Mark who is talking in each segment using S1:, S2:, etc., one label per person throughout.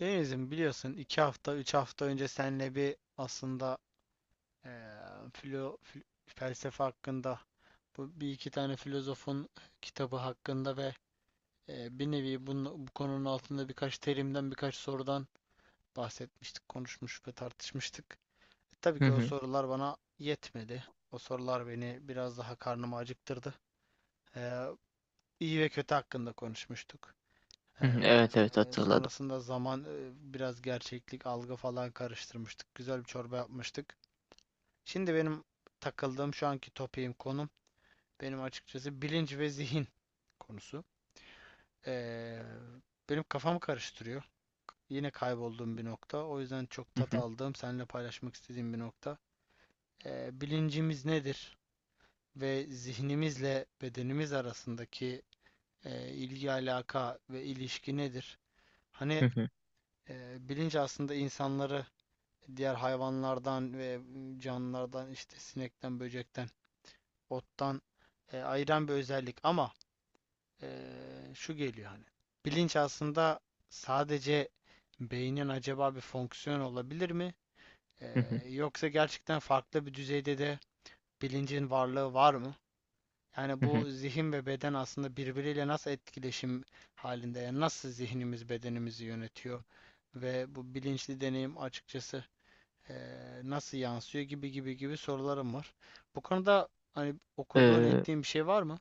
S1: Deniz'im biliyorsun iki hafta, üç hafta önce seninle bir aslında eee felsefe hakkında bu bir iki tane filozofun kitabı hakkında ve bir nevi bu konunun altında birkaç terimden birkaç sorudan bahsetmiştik, konuşmuş ve tartışmıştık. Tabii
S2: Hı
S1: ki o
S2: hı.
S1: sorular bana yetmedi. O sorular beni biraz daha karnımı acıktırdı. Eee iyi ve kötü hakkında konuşmuştuk.
S2: Hı hı. Evet evet hatırladım.
S1: Sonrasında zaman biraz gerçeklik algı falan karıştırmıştık. Güzel bir çorba yapmıştık. Şimdi benim takıldığım şu anki topiğim konum benim açıkçası bilinç ve zihin konusu. Ee, Benim kafamı karıştırıyor. Yine kaybolduğum bir nokta. O yüzden çok
S2: Hı
S1: tat
S2: hı.
S1: aldığım, seninle paylaşmak istediğim bir nokta. Bilincimiz nedir? Ve zihnimizle bedenimiz arasındaki ilgi alaka ve ilişki nedir?
S2: Hı
S1: Hani
S2: hı.
S1: bilinç aslında insanları diğer hayvanlardan ve canlılardan işte sinekten, böcekten, ottan ayıran bir özellik ama e, şu geliyor hani bilinç aslında sadece beynin acaba bir fonksiyon olabilir mi? E,
S2: Hı hı.
S1: Yoksa gerçekten farklı bir düzeyde de bilincin varlığı var mı? Yani
S2: Hı hı.
S1: bu zihin ve beden aslında birbiriyle nasıl etkileşim halinde? Yani nasıl zihnimiz bedenimizi yönetiyor? Ve bu bilinçli deneyim açıkçası nasıl yansıyor gibi gibi gibi sorularım var. Bu konuda hani okuduğun
S2: Ee,
S1: ettiğin bir şey var mı?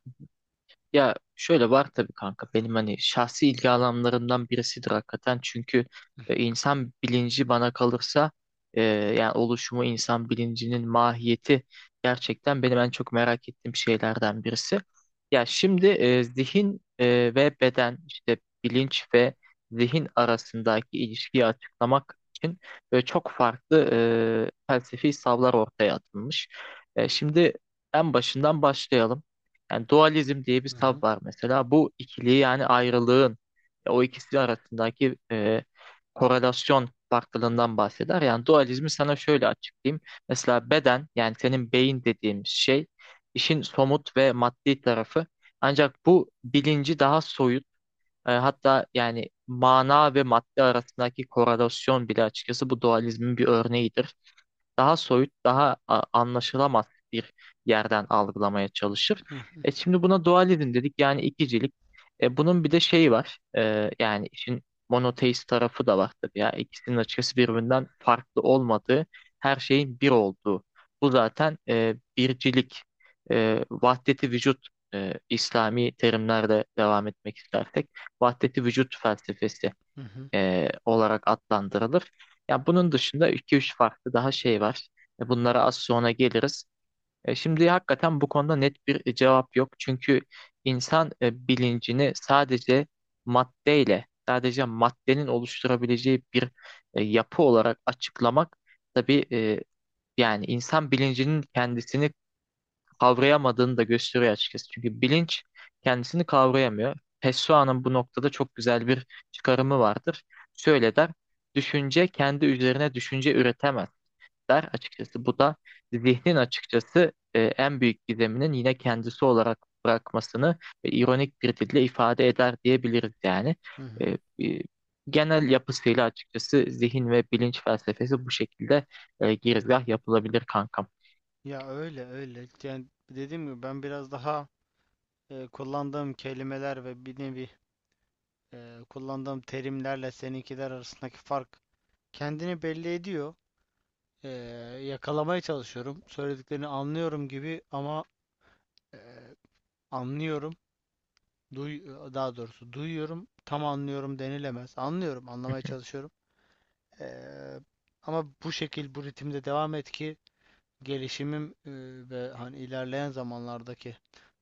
S2: Ya şöyle var tabii kanka benim hani şahsi ilgi alanlarımdan birisidir hakikaten çünkü
S1: Hı hı,
S2: insan bilinci bana kalırsa, yani oluşumu insan bilincinin mahiyeti gerçekten benim en çok merak ettiğim şeylerden birisi. Ya şimdi zihin ve beden işte bilinç ve zihin arasındaki ilişkiyi açıklamak için böyle çok farklı felsefi savlar ortaya atılmış. Şimdi en başından başlayalım. Yani dualizm diye bir
S1: hı hı,
S2: tab var mesela. Bu ikiliği yani ayrılığın, o ikisi arasındaki korelasyon farklılığından bahseder. Yani dualizmi sana şöyle açıklayayım. Mesela beden yani senin beyin dediğimiz şey işin somut ve maddi tarafı. Ancak bu bilinci daha soyut, hatta yani mana ve madde arasındaki korelasyon bile açıkçası bu dualizmin bir örneğidir, daha soyut, daha anlaşılamaz bir yerden algılamaya çalışır.
S1: hı hı,
S2: Şimdi buna dualizm dedik yani ikicilik. Bunun bir de şeyi var. Yani işin monoteist tarafı da var tabii ya. İkisinin açıkçası birbirinden farklı olmadığı, her şeyin bir olduğu. Bu zaten, bircilik, vahdeti vücut, İslami terimlerle devam etmek istersek vahdeti vücut felsefesi
S1: hı hı,
S2: olarak adlandırılır. Ya bunun dışında iki üç farklı daha şey var. Bunlara az sonra geliriz. Şimdi hakikaten bu konuda net bir cevap yok. Çünkü insan bilincini sadece maddeyle, sadece maddenin oluşturabileceği bir yapı olarak açıklamak tabii, yani insan bilincinin kendisini kavrayamadığını da gösteriyor açıkçası. Çünkü bilinç kendisini kavrayamıyor. Pessoa'nın bu noktada çok güzel bir çıkarımı vardır. Şöyle der, düşünce kendi üzerine düşünce üretemez der açıkçası. Bu da zihnin açıkçası en büyük gizeminin yine kendisi olarak bırakmasını ironik bir dille ifade eder diyebiliriz yani.
S1: hı
S2: E,
S1: hı.
S2: e, Genel yapısıyla açıkçası zihin ve bilinç felsefesi bu şekilde girizgah yapılabilir kankam.
S1: Ya öyle öyle. Yani dediğim gibi ben biraz daha kullandığım kelimeler ve bir nevi kullandığım terimlerle seninkiler arasındaki fark kendini belli ediyor. Eee, Yakalamaya çalışıyorum. Söylediklerini anlıyorum gibi ama eee, anlıyorum. Duy, Daha doğrusu duyuyorum. Tam anlıyorum denilemez. Anlıyorum,
S2: Hı
S1: anlamaya
S2: hı,
S1: çalışıyorum. Eee, Ama bu şekil, bu ritimde devam et ki gelişimim ve hani ilerleyen zamanlardaki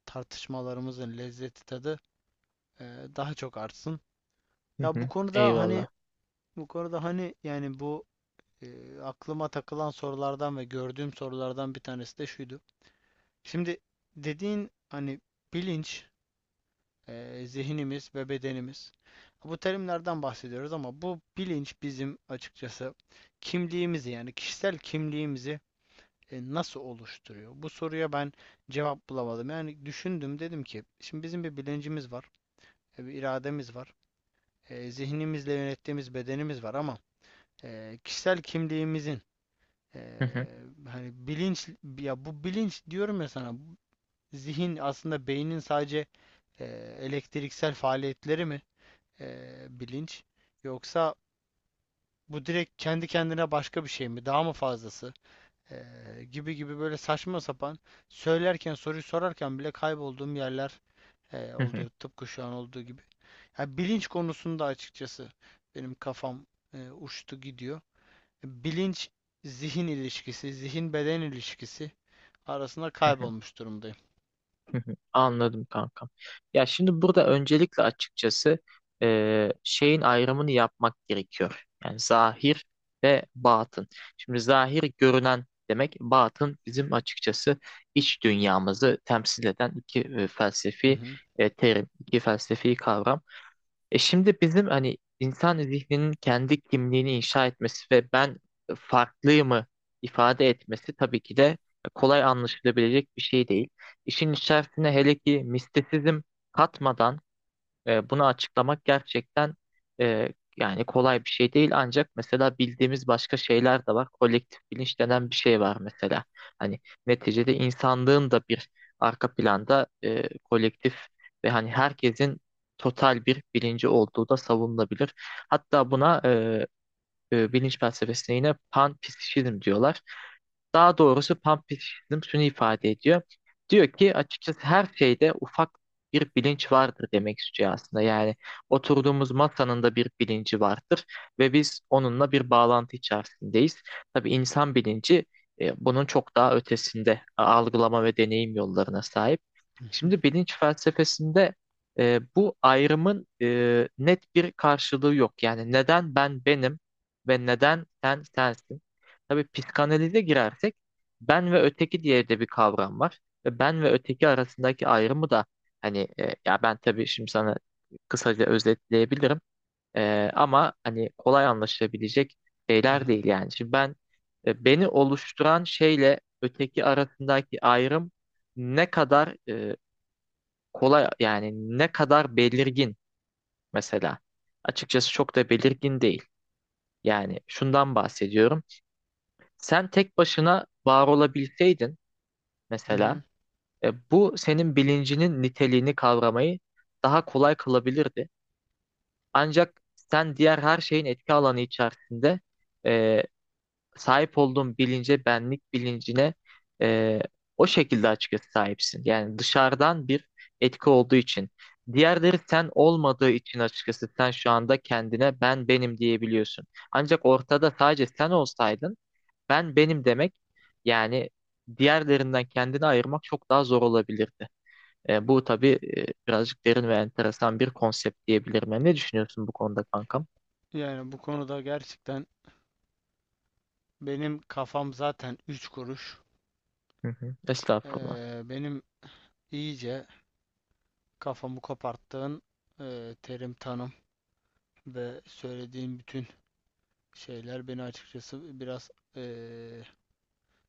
S1: tartışmalarımızın lezzeti tadı eee, daha çok artsın.
S2: hı
S1: Ya
S2: hı. Eyvallah.
S1: bu konuda hani yani bu aklıma takılan sorulardan ve gördüğüm sorulardan bir tanesi de şuydu. Şimdi dediğin hani bilinç, zihnimiz ve bedenimiz. Bu terimlerden bahsediyoruz ama bu bilinç bizim açıkçası kimliğimizi yani kişisel kimliğimizi nasıl oluşturuyor? Bu soruya ben cevap bulamadım. Yani düşündüm dedim ki şimdi bizim bir bilincimiz var, bir irademiz var, zihnimizle yönettiğimiz bedenimiz var ama kişisel kimliğimizin e,
S2: Hı hı,
S1: hani bilinç ya bu bilinç diyorum ya sana zihin aslında beynin sadece e, elektriksel faaliyetleri mi bilinç yoksa bu direkt kendi kendine başka bir şey mi? Daha mı fazlası? Gibi gibi böyle saçma sapan söylerken soruyu sorarken bile kaybolduğum yerler
S2: hı hı,
S1: oluyor tıpkı şu an olduğu gibi. Ya bilinç konusunda açıkçası benim kafam uçtu gidiyor. Bilinç zihin ilişkisi, zihin beden ilişkisi arasında
S2: hı hı,
S1: kaybolmuş durumdayım.
S2: hı hı. Anladım kankam. Ya şimdi burada öncelikle açıkçası şeyin ayrımını yapmak gerekiyor. Yani zahir ve batın. Şimdi zahir görünen demek, batın bizim açıkçası iç dünyamızı temsil eden iki
S1: Hı
S2: felsefi
S1: hı,
S2: terim, iki felsefi kavram. Şimdi bizim hani insan zihninin kendi kimliğini inşa etmesi ve ben farklıyımı ifade etmesi tabii ki de kolay anlaşılabilecek bir şey değil. İşin içerisine hele ki mistisizm katmadan, bunu açıklamak gerçekten, e, yani kolay bir şey değil ancak mesela bildiğimiz başka şeyler de var. Kolektif bilinç denen bir şey var mesela. Hani neticede insanlığın da bir arka planda, kolektif ve hani herkesin total bir bilinci olduğu da savunulabilir. Hatta buna, bilinç felsefesine yine panpsişizm diyorlar. Daha doğrusu panpsişizm şunu ifade ediyor. Diyor ki açıkçası her şeyde ufak bir bilinç vardır demek istiyor aslında. Yani oturduğumuz masanın da bir bilinci vardır ve biz onunla bir bağlantı içerisindeyiz. Tabii insan bilinci bunun çok daha ötesinde algılama ve deneyim yollarına sahip.
S1: hı hı,
S2: Şimdi bilinç felsefesinde bu ayrımın net bir karşılığı yok. Yani neden ben benim ve neden sen sensin? Tabii psikanalize girersek ben ve öteki diye de bir kavram var. Ve ben ve öteki arasındaki ayrımı da hani, ya ben tabii şimdi sana kısaca özetleyebilirim. Ama hani kolay anlaşılabilecek
S1: hı
S2: şeyler
S1: hı,
S2: değil yani. Şimdi ben, beni oluşturan şeyle öteki arasındaki ayrım ne kadar kolay, yani ne kadar belirgin mesela. Açıkçası çok da belirgin değil. Yani şundan bahsediyorum. Sen tek başına var olabilseydin
S1: hı
S2: mesela,
S1: hı.
S2: bu senin bilincinin niteliğini kavramayı daha kolay kılabilirdi. Ancak sen diğer her şeyin etki alanı içerisinde e, sahip olduğun bilince, benlik bilincine, e, o şekilde açıkçası sahipsin. Yani dışarıdan bir etki olduğu için. Diğerleri sen olmadığı için açıkçası sen şu anda kendine ben benim diyebiliyorsun. Ancak ortada sadece sen olsaydın ben benim demek, yani diğerlerinden kendini ayırmak çok daha zor olabilirdi. Bu tabii, birazcık derin ve enteresan bir konsept diyebilirim. Yani ne düşünüyorsun bu konuda kankam?
S1: Yani bu konuda gerçekten benim kafam zaten üç kuruş.
S2: Hı hı. Estağfurullah.
S1: Benim iyice kafamı koparttığın terim tanım. Ve söylediğim bütün şeyler beni açıkçası biraz eee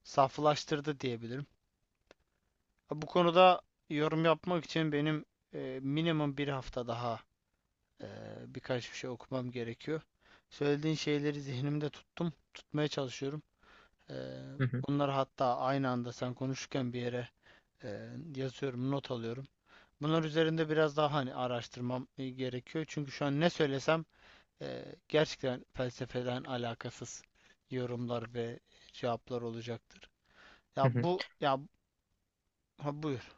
S1: saflaştırdı diyebilirim. Bu konuda yorum yapmak için benim minimum bir hafta daha eee, birkaç bir şey okumam gerekiyor. Söylediğin şeyleri zihnimde tuttum, tutmaya çalışıyorum. Eee,
S2: Hı hı.
S1: Bunları hatta aynı anda sen konuşurken bir yere eee, yazıyorum, not alıyorum. Bunlar üzerinde biraz daha hani araştırmam gerekiyor. Çünkü şu an ne söylesem gerçekten felsefeden alakasız yorumlar ve cevaplar olacaktır. Ya
S2: Hı hı.
S1: bu ya ha buyur.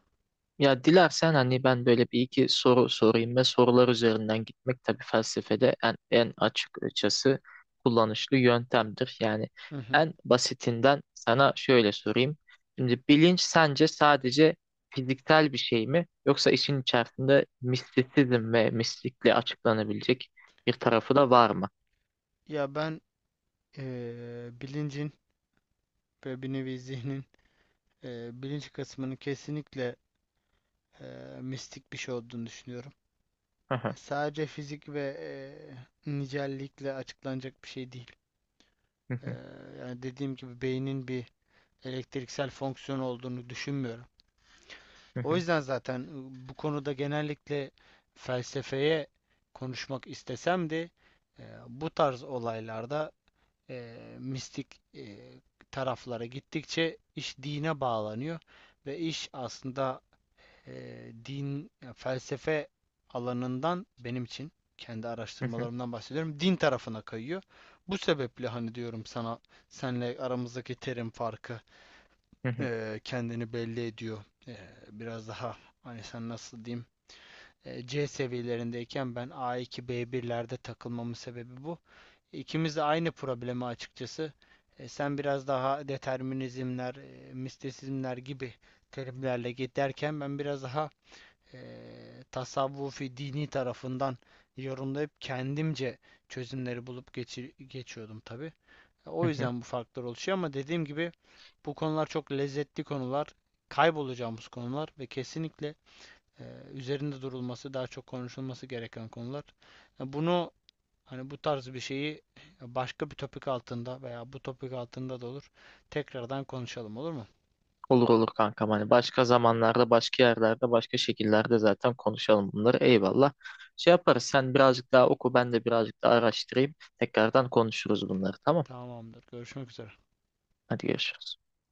S2: Ya dilersen hani ben böyle bir iki soru sorayım ve sorular üzerinden gitmek tabii felsefede en açıkçası kullanışlı yöntemdir. Yani
S1: Hı hı.
S2: en basitinden sana şöyle sorayım. Şimdi bilinç sence sadece fiziksel bir şey mi yoksa işin içerisinde mistisizm ve mistikle açıklanabilecek bir tarafı da var mı?
S1: Ya ben bilincin ve bir nevi zihnin bilinç kısmının kesinlikle mistik bir şey olduğunu düşünüyorum. Sadece fizik ve nicellikle açıklanacak bir şey değil. Eee, Yani dediğim gibi beynin bir elektriksel fonksiyon olduğunu düşünmüyorum. O yüzden zaten bu konuda genellikle felsefeye konuşmak istesem de bu tarz olaylarda mistik taraflara gittikçe iş dine bağlanıyor ve iş aslında din felsefe alanından benim için kendi araştırmalarımdan bahsediyorum din tarafına kayıyor. Bu sebeple hani diyorum sana senle aramızdaki terim farkı kendini belli ediyor. Biraz daha hani sen nasıl diyeyim C seviyelerindeyken ben a iki b birlerde takılmamın sebebi bu. İkimiz de aynı problemi açıkçası. Sen biraz daha determinizmler, mistisizmler gibi terimlerle giderken ben biraz daha e, tasavvufi dini tarafından yorumlayıp kendimce çözümleri bulup geçiyordum tabii. O yüzden bu farklar oluşuyor ama dediğim gibi bu konular çok lezzetli konular, kaybolacağımız konular ve kesinlikle e, üzerinde durulması, daha çok konuşulması gereken konular. Ya Bunu, bu tarz bir şeyi başka bir topik altında veya bu topik altında da olur tekrardan konuşalım olur mu?
S2: Olur olur kankam, hani başka zamanlarda başka yerlerde başka şekillerde zaten konuşalım bunları, eyvallah. Şey yaparız, sen birazcık daha oku, ben de birazcık daha araştırayım, tekrardan konuşuruz bunları, tamam.
S1: Tamamdır. Görüşmek üzere.
S2: Hadi görüşürüz.